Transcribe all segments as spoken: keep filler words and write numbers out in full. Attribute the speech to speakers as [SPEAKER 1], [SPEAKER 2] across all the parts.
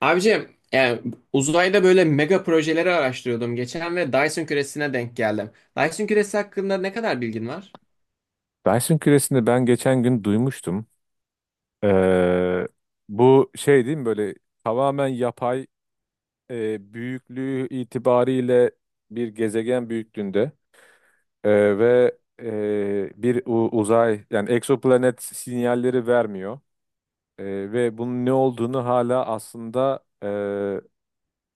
[SPEAKER 1] Abicim yani uzayda böyle mega projeleri araştırıyordum geçen ve Dyson küresine denk geldim. Dyson küresi hakkında ne kadar bilgin var?
[SPEAKER 2] Benson küresini ben geçen gün duymuştum. Ee, Bu şey değil mi? Böyle tamamen yapay, e, büyüklüğü itibariyle bir gezegen büyüklüğünde. E, ve e, bir u- uzay, yani egzoplanet sinyalleri vermiyor. E, Ve bunun ne olduğunu hala aslında e,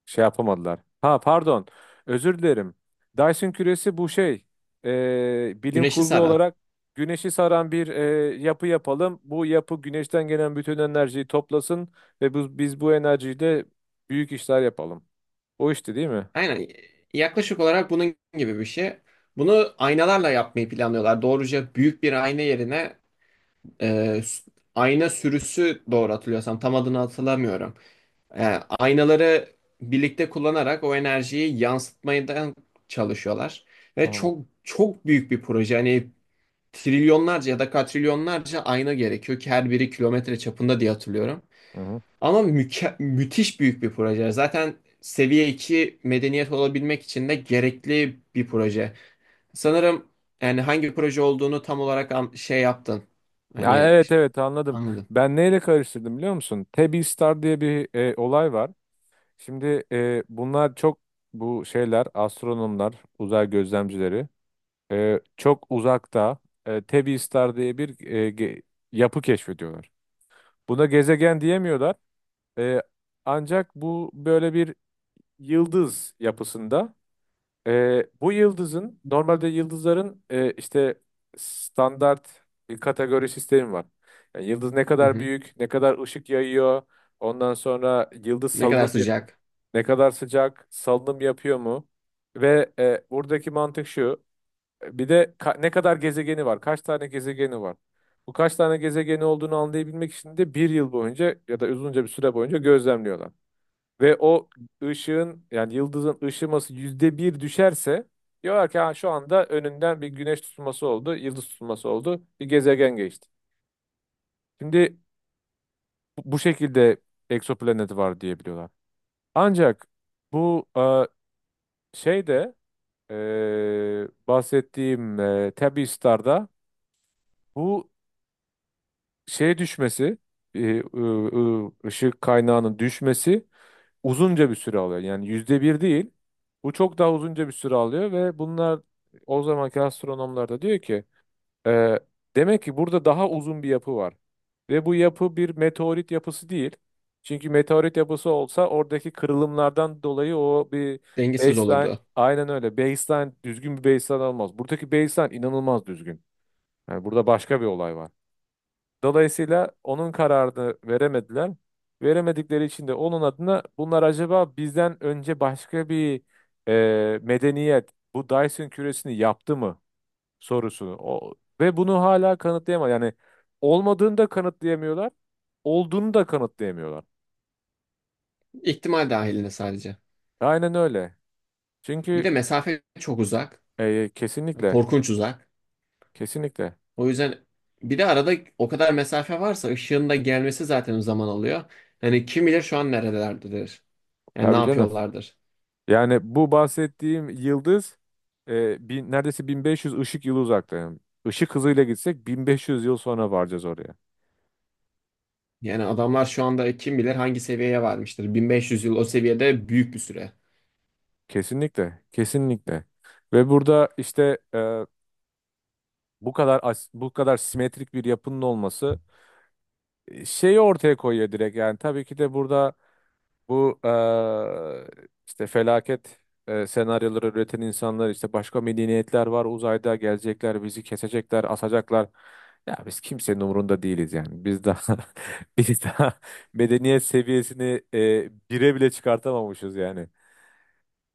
[SPEAKER 2] şey yapamadılar. Ha, pardon. Özür dilerim. Dyson küresi bu şey. Ee, bilim
[SPEAKER 1] Güneşi
[SPEAKER 2] kurgu
[SPEAKER 1] saran.
[SPEAKER 2] olarak güneşi saran bir e, yapı yapalım. Bu yapı güneşten gelen bütün enerjiyi toplasın ve bu, biz bu enerjiyle büyük işler yapalım. O işte değil mi?
[SPEAKER 1] Aynen yaklaşık olarak bunun gibi bir şey. Bunu aynalarla yapmayı planlıyorlar. Doğruca büyük bir ayna yerine e, s- ayna sürüsü doğru hatırlıyorsam tam adını hatırlamıyorum. E, aynaları birlikte kullanarak o enerjiyi yansıtmaya da çalışıyorlar. Ve
[SPEAKER 2] Tamam.
[SPEAKER 1] çok çok büyük bir proje. Hani trilyonlarca ya da katrilyonlarca ayna gerekiyor ki her biri kilometre çapında diye hatırlıyorum.
[SPEAKER 2] Hı hı.
[SPEAKER 1] Ama müke- müthiş büyük bir proje. Zaten seviye iki medeniyet olabilmek için de gerekli bir proje. Sanırım yani hangi proje olduğunu tam olarak an- şey yaptın.
[SPEAKER 2] Ha,
[SPEAKER 1] Hani
[SPEAKER 2] evet,
[SPEAKER 1] ş-
[SPEAKER 2] evet, anladım.
[SPEAKER 1] anladım.
[SPEAKER 2] Ben neyle karıştırdım biliyor musun? Tebby Star diye bir e, olay var. Şimdi e, bunlar çok, bu şeyler astronomlar, uzay gözlemcileri. E, çok uzakta e, Tebby Star diye bir e, ge- yapı keşfediyorlar. Buna gezegen diyemiyorlar. E, Ancak bu böyle bir yıldız yapısında. E, bu yıldızın, normalde yıldızların e, işte standart bir kategori sistemi var. Yani yıldız ne
[SPEAKER 1] Hı
[SPEAKER 2] kadar
[SPEAKER 1] hı.
[SPEAKER 2] büyük, ne kadar ışık yayıyor, ondan sonra yıldız
[SPEAKER 1] Ne kadar
[SPEAKER 2] salınım,
[SPEAKER 1] sıcak.
[SPEAKER 2] ne kadar sıcak, salınım yapıyor mu? Ve e, buradaki mantık şu. Bir de ka- ne kadar gezegeni var? Kaç tane gezegeni var? Bu kaç tane gezegeni olduğunu anlayabilmek için de bir yıl boyunca ya da uzunca bir süre boyunca gözlemliyorlar. Ve o ışığın, yani yıldızın ışıması yüzde bir düşerse diyorlar ki, ha, şu anda önünden bir güneş tutulması oldu, yıldız tutulması oldu, bir gezegen geçti. Şimdi bu bu şekilde egzoplaneti var diyebiliyorlar. Ancak bu e, şeyde, e, bahsettiğim e, Tabby Star'da bu şey düşmesi, e, ı- ı- ışık kaynağının düşmesi uzunca bir süre alıyor. Yani yüzde bir değil. Bu çok daha uzunca bir süre alıyor ve bunlar, o zamanki astronomlar da diyor ki, e, demek ki burada daha uzun bir yapı var. Ve bu yapı bir meteorit yapısı değil. Çünkü meteorit yapısı olsa oradaki kırılımlardan dolayı o bir
[SPEAKER 1] Dengesiz
[SPEAKER 2] baseline,
[SPEAKER 1] olurdu.
[SPEAKER 2] aynen öyle. Baseline düzgün bir baseline olmaz. Buradaki baseline inanılmaz düzgün. Yani burada başka bir olay var. Dolayısıyla onun kararını veremediler. Veremedikleri için de onun adına bunlar acaba bizden önce başka bir e, medeniyet bu Dyson küresini yaptı mı sorusunu. O, ve bunu hala kanıtlayamadı. Yani olmadığını da kanıtlayamıyorlar, olduğunu da kanıtlayamıyorlar.
[SPEAKER 1] İhtimal dahilinde sadece.
[SPEAKER 2] Aynen öyle.
[SPEAKER 1] Bir de
[SPEAKER 2] Çünkü
[SPEAKER 1] mesafe çok uzak.
[SPEAKER 2] e, kesinlikle,
[SPEAKER 1] Korkunç uzak.
[SPEAKER 2] kesinlikle.
[SPEAKER 1] O yüzden bir de arada o kadar mesafe varsa ışığın da gelmesi zaten zaman alıyor. Hani kim bilir şu an neredelerdir. Yani ne
[SPEAKER 2] Tabii canım.
[SPEAKER 1] yapıyorlardır.
[SPEAKER 2] Yani bu bahsettiğim yıldız e, bin, neredeyse bin beş yüz ışık yılı uzakta. Yani ışık hızıyla gitsek bin beş yüz yıl sonra varacağız oraya.
[SPEAKER 1] Yani adamlar şu anda kim bilir hangi seviyeye varmıştır. bin beş yüz yıl o seviyede büyük bir süre.
[SPEAKER 2] Kesinlikle, kesinlikle. Ve burada işte e, bu kadar as- bu kadar simetrik bir yapının olması e, şeyi ortaya koyuyor direkt. Yani tabii ki de burada. Bu eee, işte felaket eee, senaryoları üreten insanlar işte başka medeniyetler var uzayda, gelecekler bizi kesecekler, asacaklar. Ya biz kimsenin umurunda değiliz yani. Biz daha biz daha medeniyet seviyesini eee bire bile çıkartamamışız yani.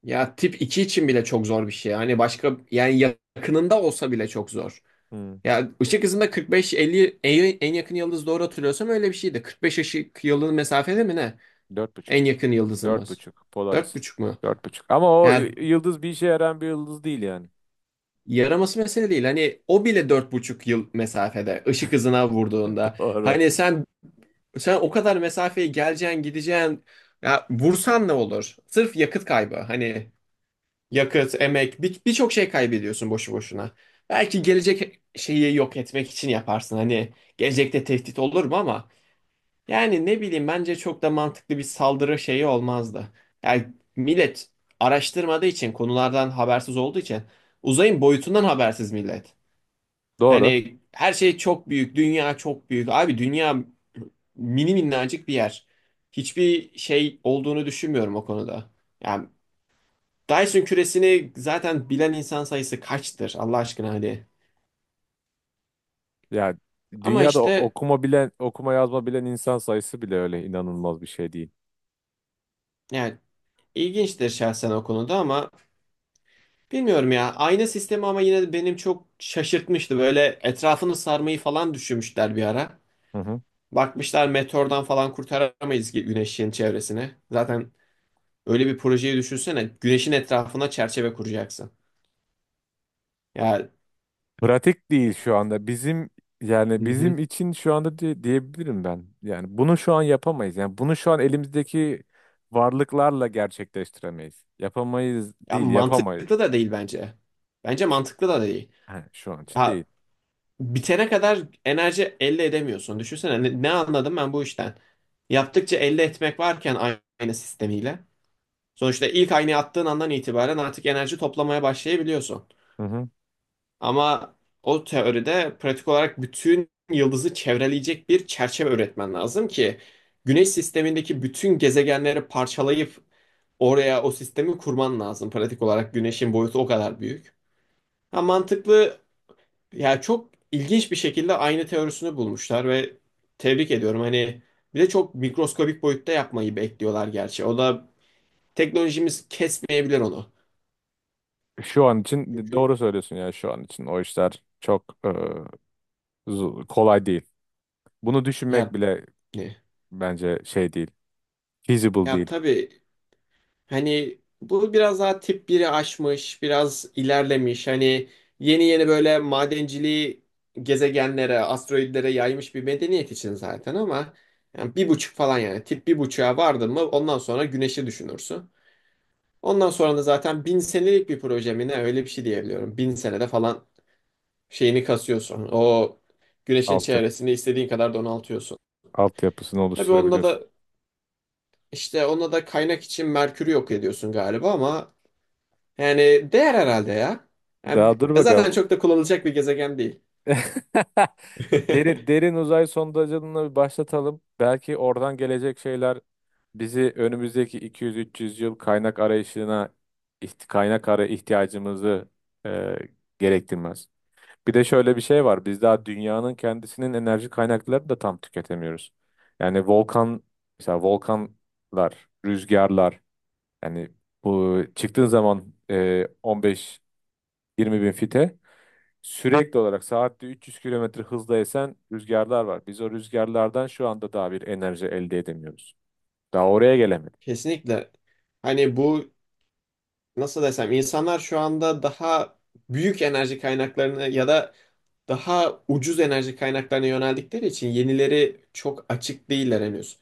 [SPEAKER 1] Ya tip iki için bile çok zor bir şey. Hani başka yani yakınında olsa bile çok zor.
[SPEAKER 2] Hmm,
[SPEAKER 1] Ya ışık hızında kırk beş elli, en en yakın yıldız doğru hatırlıyorsam öyle bir şeydi. kırk beş ışık yılı mesafede mi ne?
[SPEAKER 2] dört
[SPEAKER 1] En
[SPEAKER 2] buçuk.
[SPEAKER 1] yakın
[SPEAKER 2] Dört
[SPEAKER 1] yıldızımız.
[SPEAKER 2] buçuk.
[SPEAKER 1] Dört
[SPEAKER 2] Polaris.
[SPEAKER 1] buçuk mu?
[SPEAKER 2] Dört buçuk. Ama o
[SPEAKER 1] Ya,
[SPEAKER 2] y- yıldız bir işe yarayan bir yıldız değil yani.
[SPEAKER 1] yaraması mesele değil. Hani o bile dört buçuk yıl mesafede ışık hızına vurduğunda.
[SPEAKER 2] Doğru.
[SPEAKER 1] Hani sen sen o kadar mesafeye geleceksin gideceksin. Ya vursan ne olur? Sırf yakıt kaybı. Hani yakıt, emek bir- birçok şey kaybediyorsun boşu boşuna. Belki gelecek şeyi yok etmek için yaparsın. Hani gelecekte tehdit olur mu ama yani ne bileyim bence çok da mantıklı bir saldırı şeyi olmazdı. Yani millet araştırmadığı için konulardan habersiz olduğu için uzayın boyutundan habersiz millet.
[SPEAKER 2] Doğru.
[SPEAKER 1] Hani her şey çok büyük, dünya çok büyük. Abi dünya mini minnacık bir yer. Hiçbir şey olduğunu düşünmüyorum o konuda. Yani Dyson küresini zaten bilen insan sayısı kaçtır Allah aşkına hadi.
[SPEAKER 2] Ya
[SPEAKER 1] Ama
[SPEAKER 2] dünyada o-
[SPEAKER 1] işte
[SPEAKER 2] okuma bilen, okuma yazma bilen insan sayısı bile öyle inanılmaz bir şey değil.
[SPEAKER 1] yani ilginçtir şahsen o konuda ama bilmiyorum ya. Ayna sistemi ama yine de benim çok şaşırtmıştı. Böyle etrafını sarmayı falan düşünmüşler bir ara.
[SPEAKER 2] Hı hı.
[SPEAKER 1] Bakmışlar meteordan falan kurtaramayız ki güneşin çevresini. Zaten öyle bir projeyi düşünsene. Güneşin etrafına çerçeve kuracaksın. Ya,
[SPEAKER 2] Pratik değil şu anda. Bizim yani
[SPEAKER 1] hı hı.
[SPEAKER 2] bizim için şu anda diye- diyebilirim ben. Yani bunu şu an yapamayız. Yani bunu şu an elimizdeki varlıklarla gerçekleştiremeyiz. Yapamayız
[SPEAKER 1] Ya
[SPEAKER 2] değil, yapamayız.
[SPEAKER 1] mantıklı da değil bence. Bence
[SPEAKER 2] Şu,
[SPEAKER 1] mantıklı da değil.
[SPEAKER 2] he, şu an için değil.
[SPEAKER 1] Ya bitene kadar enerji elde edemiyorsun. Düşünsene ne, ne anladım ben bu işten? Yaptıkça elde etmek varken ayna sistemiyle. Sonuçta ilk aynayı attığın andan itibaren artık enerji toplamaya başlayabiliyorsun.
[SPEAKER 2] Hı hı.
[SPEAKER 1] Ama o teoride pratik olarak bütün yıldızı çevreleyecek bir çerçeve üretmen lazım ki güneş sistemindeki bütün gezegenleri parçalayıp oraya o sistemi kurman lazım. Pratik olarak güneşin boyutu o kadar büyük. Ha, mantıklı, ya çok ilginç bir şekilde aynı teorisini bulmuşlar ve tebrik ediyorum. Hani bir de çok mikroskobik boyutta yapmayı bekliyorlar gerçi. O da teknolojimiz kesmeyebilir onu.
[SPEAKER 2] Şu an için
[SPEAKER 1] Çünkü
[SPEAKER 2] doğru söylüyorsun ya, şu an için o işler çok e, zu- kolay değil. Bunu düşünmek
[SPEAKER 1] ya
[SPEAKER 2] bile
[SPEAKER 1] ne?
[SPEAKER 2] bence şey değil. Feasible
[SPEAKER 1] Ya
[SPEAKER 2] değil.
[SPEAKER 1] tabii, hani bu biraz daha tip biri aşmış, biraz ilerlemiş. Hani yeni yeni böyle madenciliği gezegenlere, asteroidlere yaymış bir medeniyet için zaten ama yani bir buçuk falan yani tip bir buçuğa vardın mı ondan sonra güneşi düşünürsün. Ondan sonra da zaten bin senelik bir proje mi ne öyle bir şey diyebiliyorum. Bin senede falan şeyini kasıyorsun. O güneşin
[SPEAKER 2] Altyapı,
[SPEAKER 1] çevresini istediğin kadar donaltıyorsun.
[SPEAKER 2] altyapısını
[SPEAKER 1] Tabii onda
[SPEAKER 2] oluşturabiliyorsun.
[SPEAKER 1] da işte onda da kaynak için Merkür'ü yok ediyorsun galiba ama yani değer herhalde ya.
[SPEAKER 2] Daha
[SPEAKER 1] Yani
[SPEAKER 2] dur
[SPEAKER 1] zaten
[SPEAKER 2] bakalım.
[SPEAKER 1] çok da kullanılacak bir gezegen değil.
[SPEAKER 2] Derin, derin uzay sondajını bir başlatalım. Belki oradan gelecek şeyler bizi önümüzdeki iki yüz üç yüz yıl kaynak arayışına iht- kaynak ara ihtiyacımızı e, gerektirmez. Bir de şöyle bir şey var. Biz daha dünyanın kendisinin enerji kaynaklarını da tam tüketemiyoruz. Yani volkan mesela volkanlar, rüzgarlar. Yani bu çıktığın zaman e, on beşten yirmiye bin fite. Sürekli olarak saatte üç yüz kilometre hızla esen rüzgarlar var. Biz o rüzgarlardan şu anda daha bir enerji elde edemiyoruz. Daha oraya gelemedik.
[SPEAKER 1] Kesinlikle. Hani bu nasıl desem insanlar şu anda daha büyük enerji kaynaklarını ya da daha ucuz enerji kaynaklarına yöneldikleri için yenileri çok açık değiller henüz.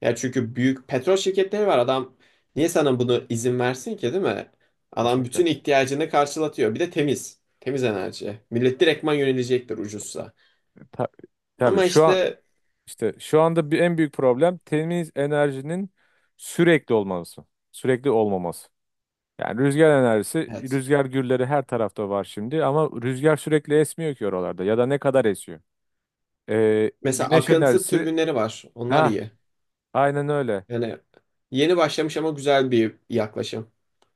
[SPEAKER 1] Ya çünkü büyük petrol şirketleri var. Adam niye sana bunu izin versin ki değil mi? Adam
[SPEAKER 2] Kesinlikle.
[SPEAKER 1] bütün ihtiyacını karşılatıyor. Bir de temiz. Temiz enerji. Millet direktman yönelecektir ucuzsa.
[SPEAKER 2] Ta- tabii
[SPEAKER 1] Ama
[SPEAKER 2] şu an
[SPEAKER 1] işte
[SPEAKER 2] işte şu anda bir en büyük problem temiz enerjinin sürekli olması. Sürekli olmaması. Yani rüzgar enerjisi,
[SPEAKER 1] evet.
[SPEAKER 2] rüzgar gülleri her tarafta var şimdi ama rüzgar sürekli esmiyor ki oralarda, ya da ne kadar esiyor? Ee,
[SPEAKER 1] Mesela
[SPEAKER 2] güneş
[SPEAKER 1] akıntı
[SPEAKER 2] enerjisi,
[SPEAKER 1] türbinleri var. Onlar
[SPEAKER 2] ha,
[SPEAKER 1] iyi.
[SPEAKER 2] aynen öyle.
[SPEAKER 1] Yani yeni başlamış ama güzel bir yaklaşım.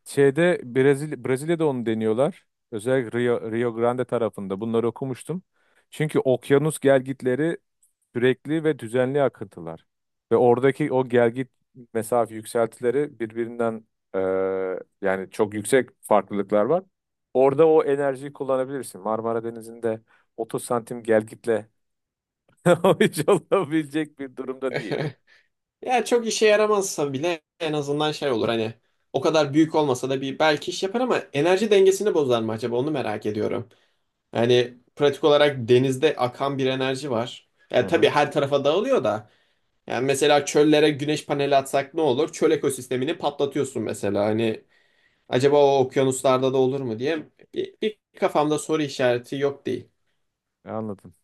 [SPEAKER 2] Şeyde, Brezilya, Brezilya'da onu deniyorlar. Özellikle Rio, Rio Grande tarafında. Bunları okumuştum. Çünkü okyanus gelgitleri sürekli ve düzenli akıntılar. Ve oradaki o gelgit mesafe yükseltileri birbirinden e, yani çok yüksek farklılıklar var. Orada o enerjiyi kullanabilirsin. Marmara Denizi'nde otuz santim gelgitle o iş olabilecek bir durumda değil.
[SPEAKER 1] Ya çok işe yaramazsa bile en azından şey olur, hani o kadar büyük olmasa da bir belki iş yapar ama enerji dengesini bozar mı acaba onu merak ediyorum. Yani pratik olarak denizde akan bir enerji var.
[SPEAKER 2] Hı
[SPEAKER 1] Yani tabii
[SPEAKER 2] hı.
[SPEAKER 1] her tarafa dağılıyor da. Yani mesela çöllere güneş paneli atsak ne olur? Çöl ekosistemini patlatıyorsun mesela. Hani acaba o okyanuslarda da olur mu diye bir, bir kafamda soru işareti yok değil.
[SPEAKER 2] Anladım.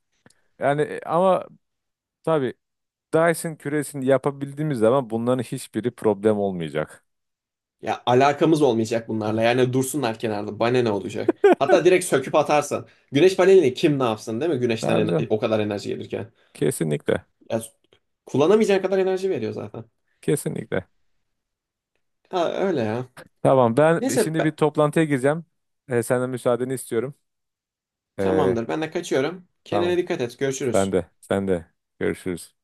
[SPEAKER 2] Yani e, ama tabii Dyson küresini yapabildiğimiz zaman bunların hiçbiri problem olmayacak.
[SPEAKER 1] Ya alakamız olmayacak
[SPEAKER 2] Evet.
[SPEAKER 1] bunlarla. Yani dursunlar kenarda. Bana ne olacak? Hatta direkt söküp atarsan. Güneş panelini kim ne yapsın değil mi? Güneşten
[SPEAKER 2] Tabii
[SPEAKER 1] en-
[SPEAKER 2] canım.
[SPEAKER 1] o kadar enerji gelirken.
[SPEAKER 2] Kesinlikle.
[SPEAKER 1] Ya kullanamayacağın kadar enerji veriyor zaten.
[SPEAKER 2] Kesinlikle.
[SPEAKER 1] Ha öyle ya.
[SPEAKER 2] Tamam, ben bi-
[SPEAKER 1] Neyse
[SPEAKER 2] şimdi
[SPEAKER 1] be-
[SPEAKER 2] bir toplantıya gireceğim. Ee, senden müsaadeni istiyorum. Ee,
[SPEAKER 1] Tamamdır. Ben de kaçıyorum. Kendine
[SPEAKER 2] tamam.
[SPEAKER 1] dikkat et.
[SPEAKER 2] Sen
[SPEAKER 1] Görüşürüz.
[SPEAKER 2] de. Sen de. Görüşürüz.